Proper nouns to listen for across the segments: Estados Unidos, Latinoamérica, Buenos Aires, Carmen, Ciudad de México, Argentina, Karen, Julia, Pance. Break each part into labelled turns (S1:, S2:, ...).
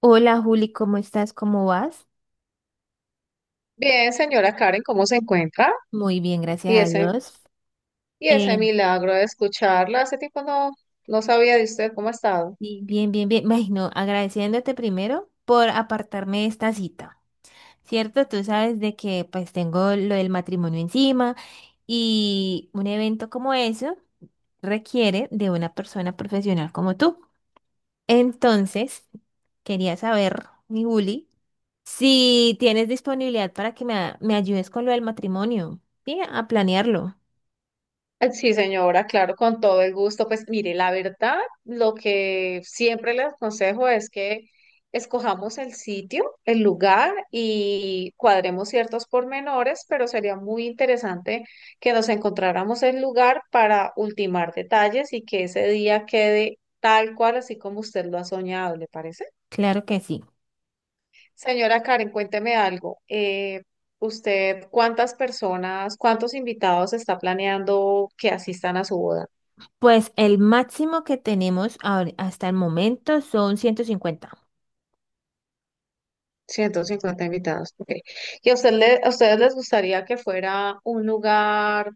S1: Hola Juli, ¿cómo estás? ¿Cómo vas?
S2: Bien, señora Karen, ¿cómo se encuentra?
S1: Muy bien, gracias
S2: Y
S1: a
S2: ese,
S1: Dios.
S2: y ese
S1: Eh,
S2: milagro de escucharla, hace tiempo no, no sabía de usted cómo ha estado.
S1: sí, bien, bien, bien. Ay, no, agradeciéndote primero por apartarme de esta cita. ¿Cierto? Tú sabes de que pues tengo lo del matrimonio encima y un evento como eso requiere de una persona profesional como tú. Entonces, quería saber, mi Juli, si tienes disponibilidad para que me ayudes con lo del matrimonio, ¿sí? A planearlo.
S2: Sí, señora, claro, con todo el gusto. Pues mire, la verdad, lo que siempre le aconsejo es que escojamos el sitio, el lugar y cuadremos ciertos pormenores, pero sería muy interesante que nos encontráramos el lugar para ultimar detalles y que ese día quede tal cual, así como usted lo ha soñado, ¿le parece?
S1: Claro que sí.
S2: Señora Karen, cuénteme algo. ¿Usted cuántos invitados está planeando que asistan a su boda?
S1: Pues el máximo que tenemos hasta el momento son 150.
S2: 150 invitados. Ok. ¿Y a ustedes les gustaría que fuera un lugar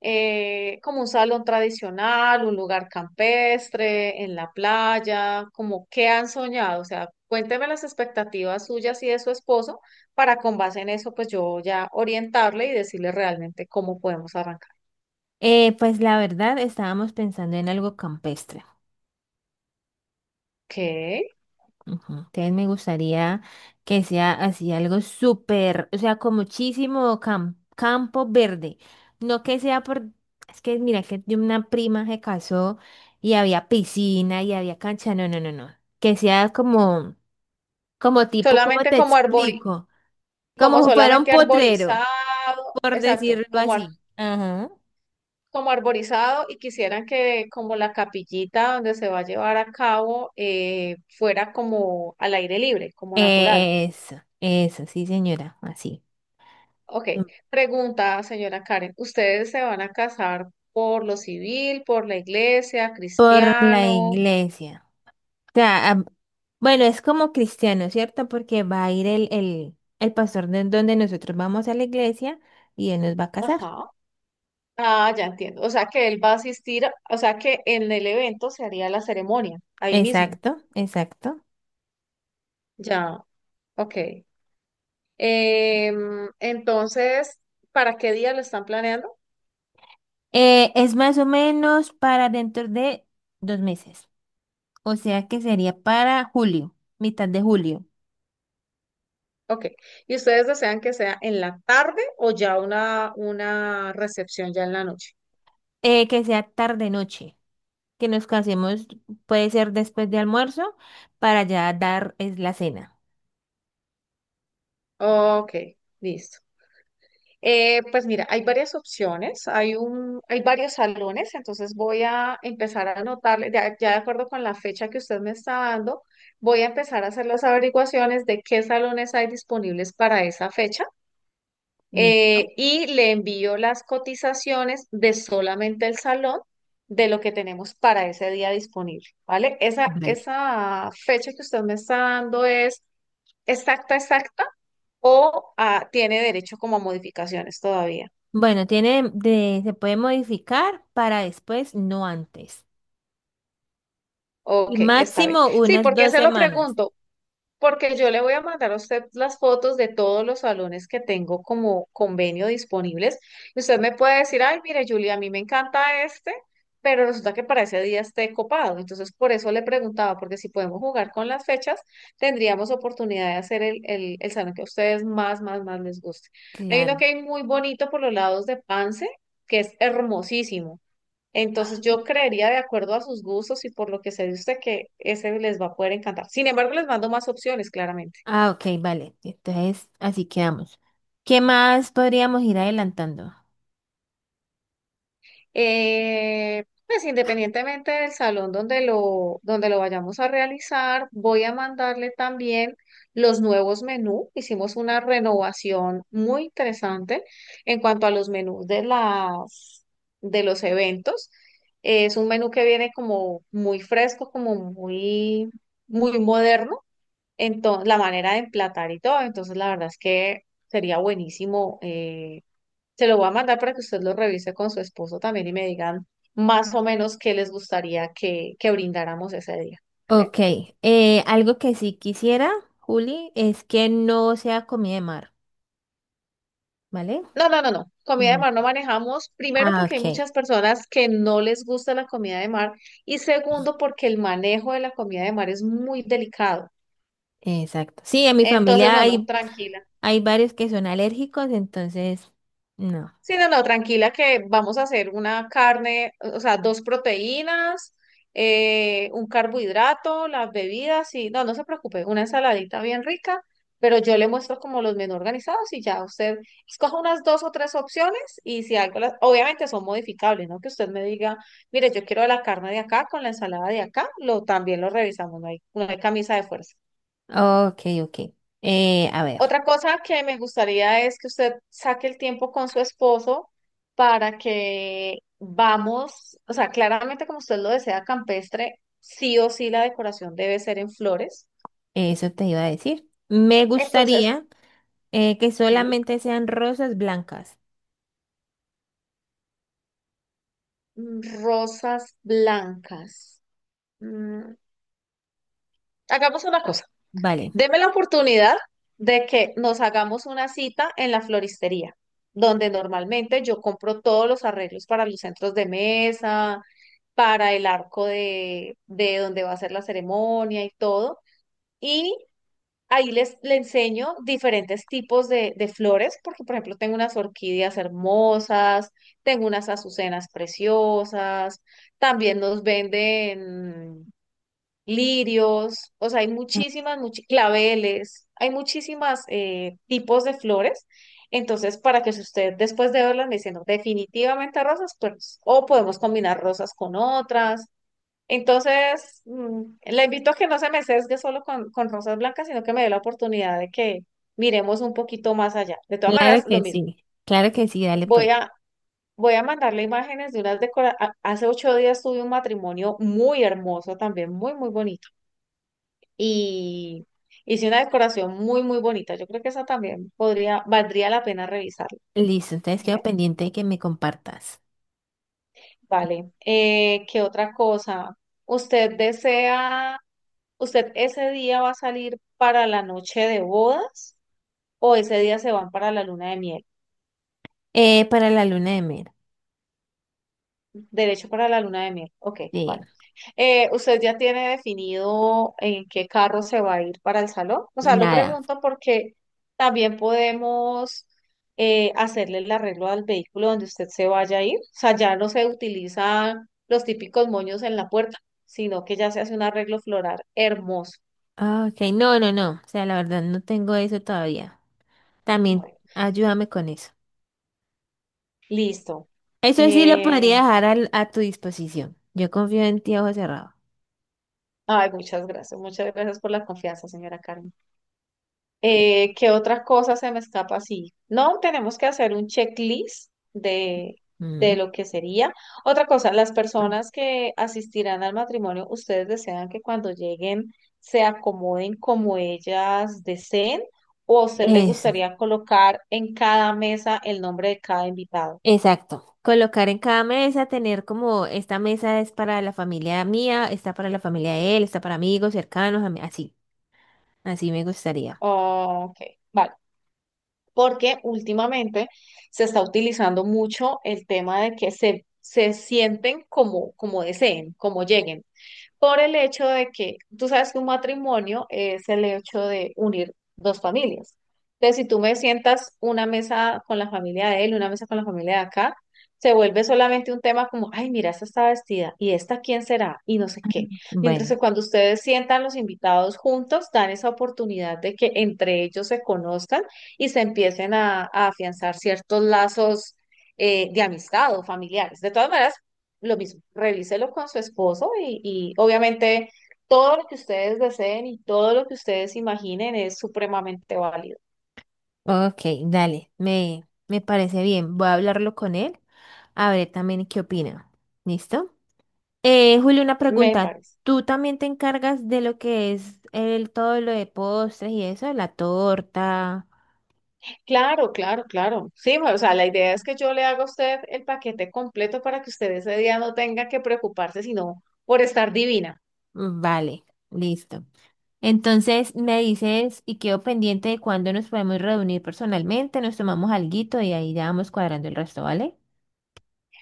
S2: como un salón tradicional, un lugar campestre, en la playa? ¿Como qué han soñado? O sea, cuénteme las expectativas suyas y de su esposo para con base en eso, pues yo ya orientarle y decirle realmente cómo podemos arrancar.
S1: Pues la verdad estábamos pensando en algo campestre.
S2: Ok.
S1: Ujú. Entonces me gustaría que sea así algo súper, o sea, con muchísimo campo verde. No que sea por, es que mira que de una prima se casó y había piscina y había cancha. No, no, no, no. Que sea como, como tipo, ¿cómo
S2: solamente
S1: te
S2: como arbori,
S1: explico?
S2: como
S1: Como si fuera un
S2: solamente
S1: potrero,
S2: arborizado,
S1: por
S2: exacto,
S1: decirlo así. Ajá.
S2: como arborizado y quisieran que como la capillita donde se va a llevar a cabo fuera como al aire libre, como natural.
S1: Eso, sí, señora, así.
S2: Ok, pregunta, señora Karen, ¿ustedes se van a casar por lo civil, por la iglesia,
S1: Por la
S2: cristiano?
S1: iglesia. O sea, ah, bueno, es como cristiano, ¿cierto? Porque va a ir el pastor de donde nosotros vamos a la iglesia y él nos va a casar.
S2: Ajá. Ah, ya entiendo. O sea que él va a asistir, o sea que en el evento se haría la ceremonia, ahí mismo.
S1: Exacto, exacto.
S2: Ya, ok. Entonces, ¿para qué día lo están planeando?
S1: Es más o menos para dentro de dos meses. O sea que sería para julio, mitad de julio.
S2: Ok. ¿Y ustedes desean que sea en la tarde o ya una recepción ya en la noche?
S1: Que sea tarde noche. Que nos casemos, puede ser después de almuerzo, para ya dar es la cena.
S2: Ok, listo. Pues mira, hay varias opciones, hay varios salones, entonces voy a empezar a anotarle, ya, ya de acuerdo con la fecha que usted me está dando, voy a empezar a hacer las averiguaciones de qué salones hay disponibles para esa fecha
S1: Listo.
S2: y le envío las cotizaciones de solamente el salón de lo que tenemos para ese día disponible, ¿vale? Esa,
S1: Vale.
S2: esa fecha que usted me está dando es exacta, exacta o ah, tiene derecho como a modificaciones todavía.
S1: Bueno, tiene se puede modificar para después, no antes. Y
S2: Ok, está bien.
S1: máximo
S2: Sí,
S1: unas
S2: porque
S1: dos
S2: se lo
S1: semanas.
S2: pregunto, porque yo le voy a mandar a usted las fotos de todos los salones que tengo como convenio disponibles. Y usted me puede decir, ay, mire, Julia, a mí me encanta este, pero resulta que para ese día esté copado. Entonces, por eso le preguntaba, porque si podemos jugar con las fechas, tendríamos oportunidad de hacer el salón que a ustedes más, más, más les guste. Hay uno
S1: Claro.
S2: que hay muy bonito por los lados de Pance, que es hermosísimo. Entonces yo creería de acuerdo a sus gustos y por lo que se dice usted que ese les va a poder encantar. Sin embargo, les mando más opciones, claramente.
S1: Ah, ok, vale. Entonces, así quedamos. ¿Qué más podríamos ir adelantando?
S2: Pues independientemente del salón donde lo vayamos a realizar, voy a mandarle también los nuevos menús. Hicimos una renovación muy interesante en cuanto a los menús de los eventos. Es un menú que viene como muy fresco, como muy, muy moderno. Entonces, la manera de emplatar y todo. Entonces, la verdad es que sería buenísimo. Se lo voy a mandar para que usted lo revise con su esposo también y me digan más o menos qué les gustaría que brindáramos ese día. ¿Vale?
S1: Ok, algo que sí quisiera, Juli, es que no sea comida de mar, ¿vale?
S2: No, no, no, no. Comida de
S1: Ujú.
S2: mar no manejamos. Primero,
S1: Ah,
S2: porque hay
S1: ok,
S2: muchas personas que no les gusta la comida de mar. Y segundo, porque el manejo de la comida de mar es muy delicado.
S1: exacto. Sí, en mi
S2: Entonces,
S1: familia
S2: no, no,
S1: hay,
S2: tranquila.
S1: hay varios que son alérgicos, entonces, no.
S2: Sí, no, no, tranquila que vamos a hacer una carne, o sea, dos proteínas, un carbohidrato, las bebidas y no, no se preocupe, una ensaladita bien rica, pero yo le muestro como los menús organizados y ya usted escoja unas dos o tres opciones y si algo, las, obviamente son modificables, ¿no? Que usted me diga, mire, yo quiero la carne de acá con la ensalada de acá, lo también lo revisamos, no hay, no hay camisa de fuerza.
S1: Ok, ok. A ver.
S2: Otra cosa que me gustaría es que usted saque el tiempo con su esposo para que vamos, o sea, claramente como usted lo desea campestre, sí o sí la decoración debe ser en flores.
S1: Eso te iba a decir. Me
S2: Entonces,
S1: gustaría que
S2: sí.
S1: solamente sean rosas blancas.
S2: Rosas blancas. Mm, Hagamos una cosa,
S1: Vale,
S2: deme la oportunidad de que nos hagamos una cita en la floristería, donde normalmente yo compro todos los arreglos para los centros de mesa para el arco de donde va a ser la ceremonia y todo. Y ahí le enseño diferentes tipos de flores, porque por ejemplo tengo unas orquídeas hermosas, tengo unas azucenas preciosas, también nos venden lirios, o sea, hay muchísimas, claveles, hay muchísimas tipos de flores. Entonces, para que si usted después de verlas me diciendo definitivamente rosas, pues o podemos combinar rosas con otras. Entonces, la invito a que no se me sesgue solo con rosas blancas, sino que me dé la oportunidad de que miremos un poquito más allá. De todas maneras,
S1: claro
S2: lo
S1: que
S2: mismo.
S1: sí. Claro que sí, dale pues.
S2: Voy a, voy a mandarle imágenes de unas decoraciones. Hace 8 días tuve un matrimonio muy hermoso también, muy, muy bonito. Y hice una decoración muy, muy bonita. Yo creo que esa también podría, valdría la pena revisarla.
S1: Listo, entonces quedo
S2: ¿Vale?
S1: pendiente de que me compartas.
S2: Vale. ¿Qué otra cosa? ¿Usted desea? ¿Usted ese día va a salir para la noche de bodas o ese día se van para la luna de miel?
S1: Para la luna de miel.
S2: Derecho para la luna de miel. Ok,
S1: Sí,
S2: vale. ¿Usted ya tiene definido en qué carro se va a ir para el salón? O sea, lo
S1: nada.
S2: pregunto porque también podemos hacerle el arreglo al vehículo donde usted se vaya a ir. O sea, ya no se utilizan los típicos moños en la puerta, sino que ya se hace un arreglo floral hermoso.
S1: Ah, ok, no, no, no. O sea, la verdad no tengo eso todavía. También
S2: Bueno,
S1: ayúdame con eso.
S2: listo.
S1: Eso sí lo podría
S2: Eh,
S1: dejar tu disposición. Yo confío en ti a ojo cerrado.
S2: Ay, muchas gracias por la confianza, señora Carmen. ¿Qué otra cosa se me escapa así? No, tenemos que hacer un checklist de lo que sería. Otra cosa, las
S1: Ujú.
S2: personas que asistirán al matrimonio, ¿ustedes desean que cuando lleguen se acomoden como ellas deseen? ¿O a usted le
S1: Eso.
S2: gustaría colocar en cada mesa el nombre de cada invitado?
S1: Exacto. Colocar en cada mesa, tener como esta mesa es para la familia mía, esta para la familia de él, esta para amigos cercanos, así, así me gustaría.
S2: Ok, vale. Porque últimamente se está utilizando mucho el tema de que se sienten como, como deseen, como lleguen por el hecho de que tú sabes que un matrimonio es el hecho de unir dos familias. Entonces, si tú me sientas una mesa con la familia de él, una mesa con la familia de acá, se vuelve solamente un tema como, ay, mira, esta está vestida y esta quién será y no sé qué. Mientras
S1: Bueno,
S2: que cuando ustedes sientan los invitados juntos, dan esa oportunidad de que entre ellos se conozcan y se empiecen a afianzar ciertos lazos de amistad o familiares. De todas maneras, lo mismo, revíselo con su esposo y obviamente todo lo que ustedes deseen y todo lo que ustedes imaginen es supremamente válido,
S1: ok, dale, me parece bien. Voy a hablarlo con él, a ver también qué opina. ¿Listo? Julio, una
S2: me
S1: pregunta.
S2: parece.
S1: ¿Tú también te encargas de lo que es el todo lo de postres y eso, la torta?
S2: Claro, claro, claro. Sí, o sea, la idea es que yo le haga a usted el paquete completo para que usted ese día no tenga que preocuparse sino por estar divina.
S1: Vale, listo. Entonces me dices y quedo pendiente de cuándo nos podemos reunir personalmente, nos tomamos alguito y ahí ya vamos cuadrando el resto, ¿vale?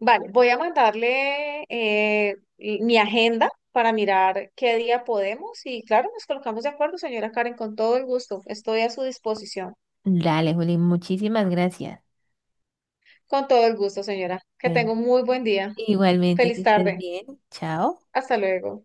S2: Vale, voy a mandarle mi agenda para mirar qué día podemos y claro, nos colocamos de acuerdo, señora Karen, con todo el gusto. Estoy a su disposición.
S1: Dale, Juli, muchísimas gracias.
S2: Con todo el gusto, señora. Que
S1: Bueno,
S2: tenga un muy buen día.
S1: igualmente que
S2: Feliz
S1: estés
S2: tarde.
S1: bien. Chao.
S2: Hasta luego.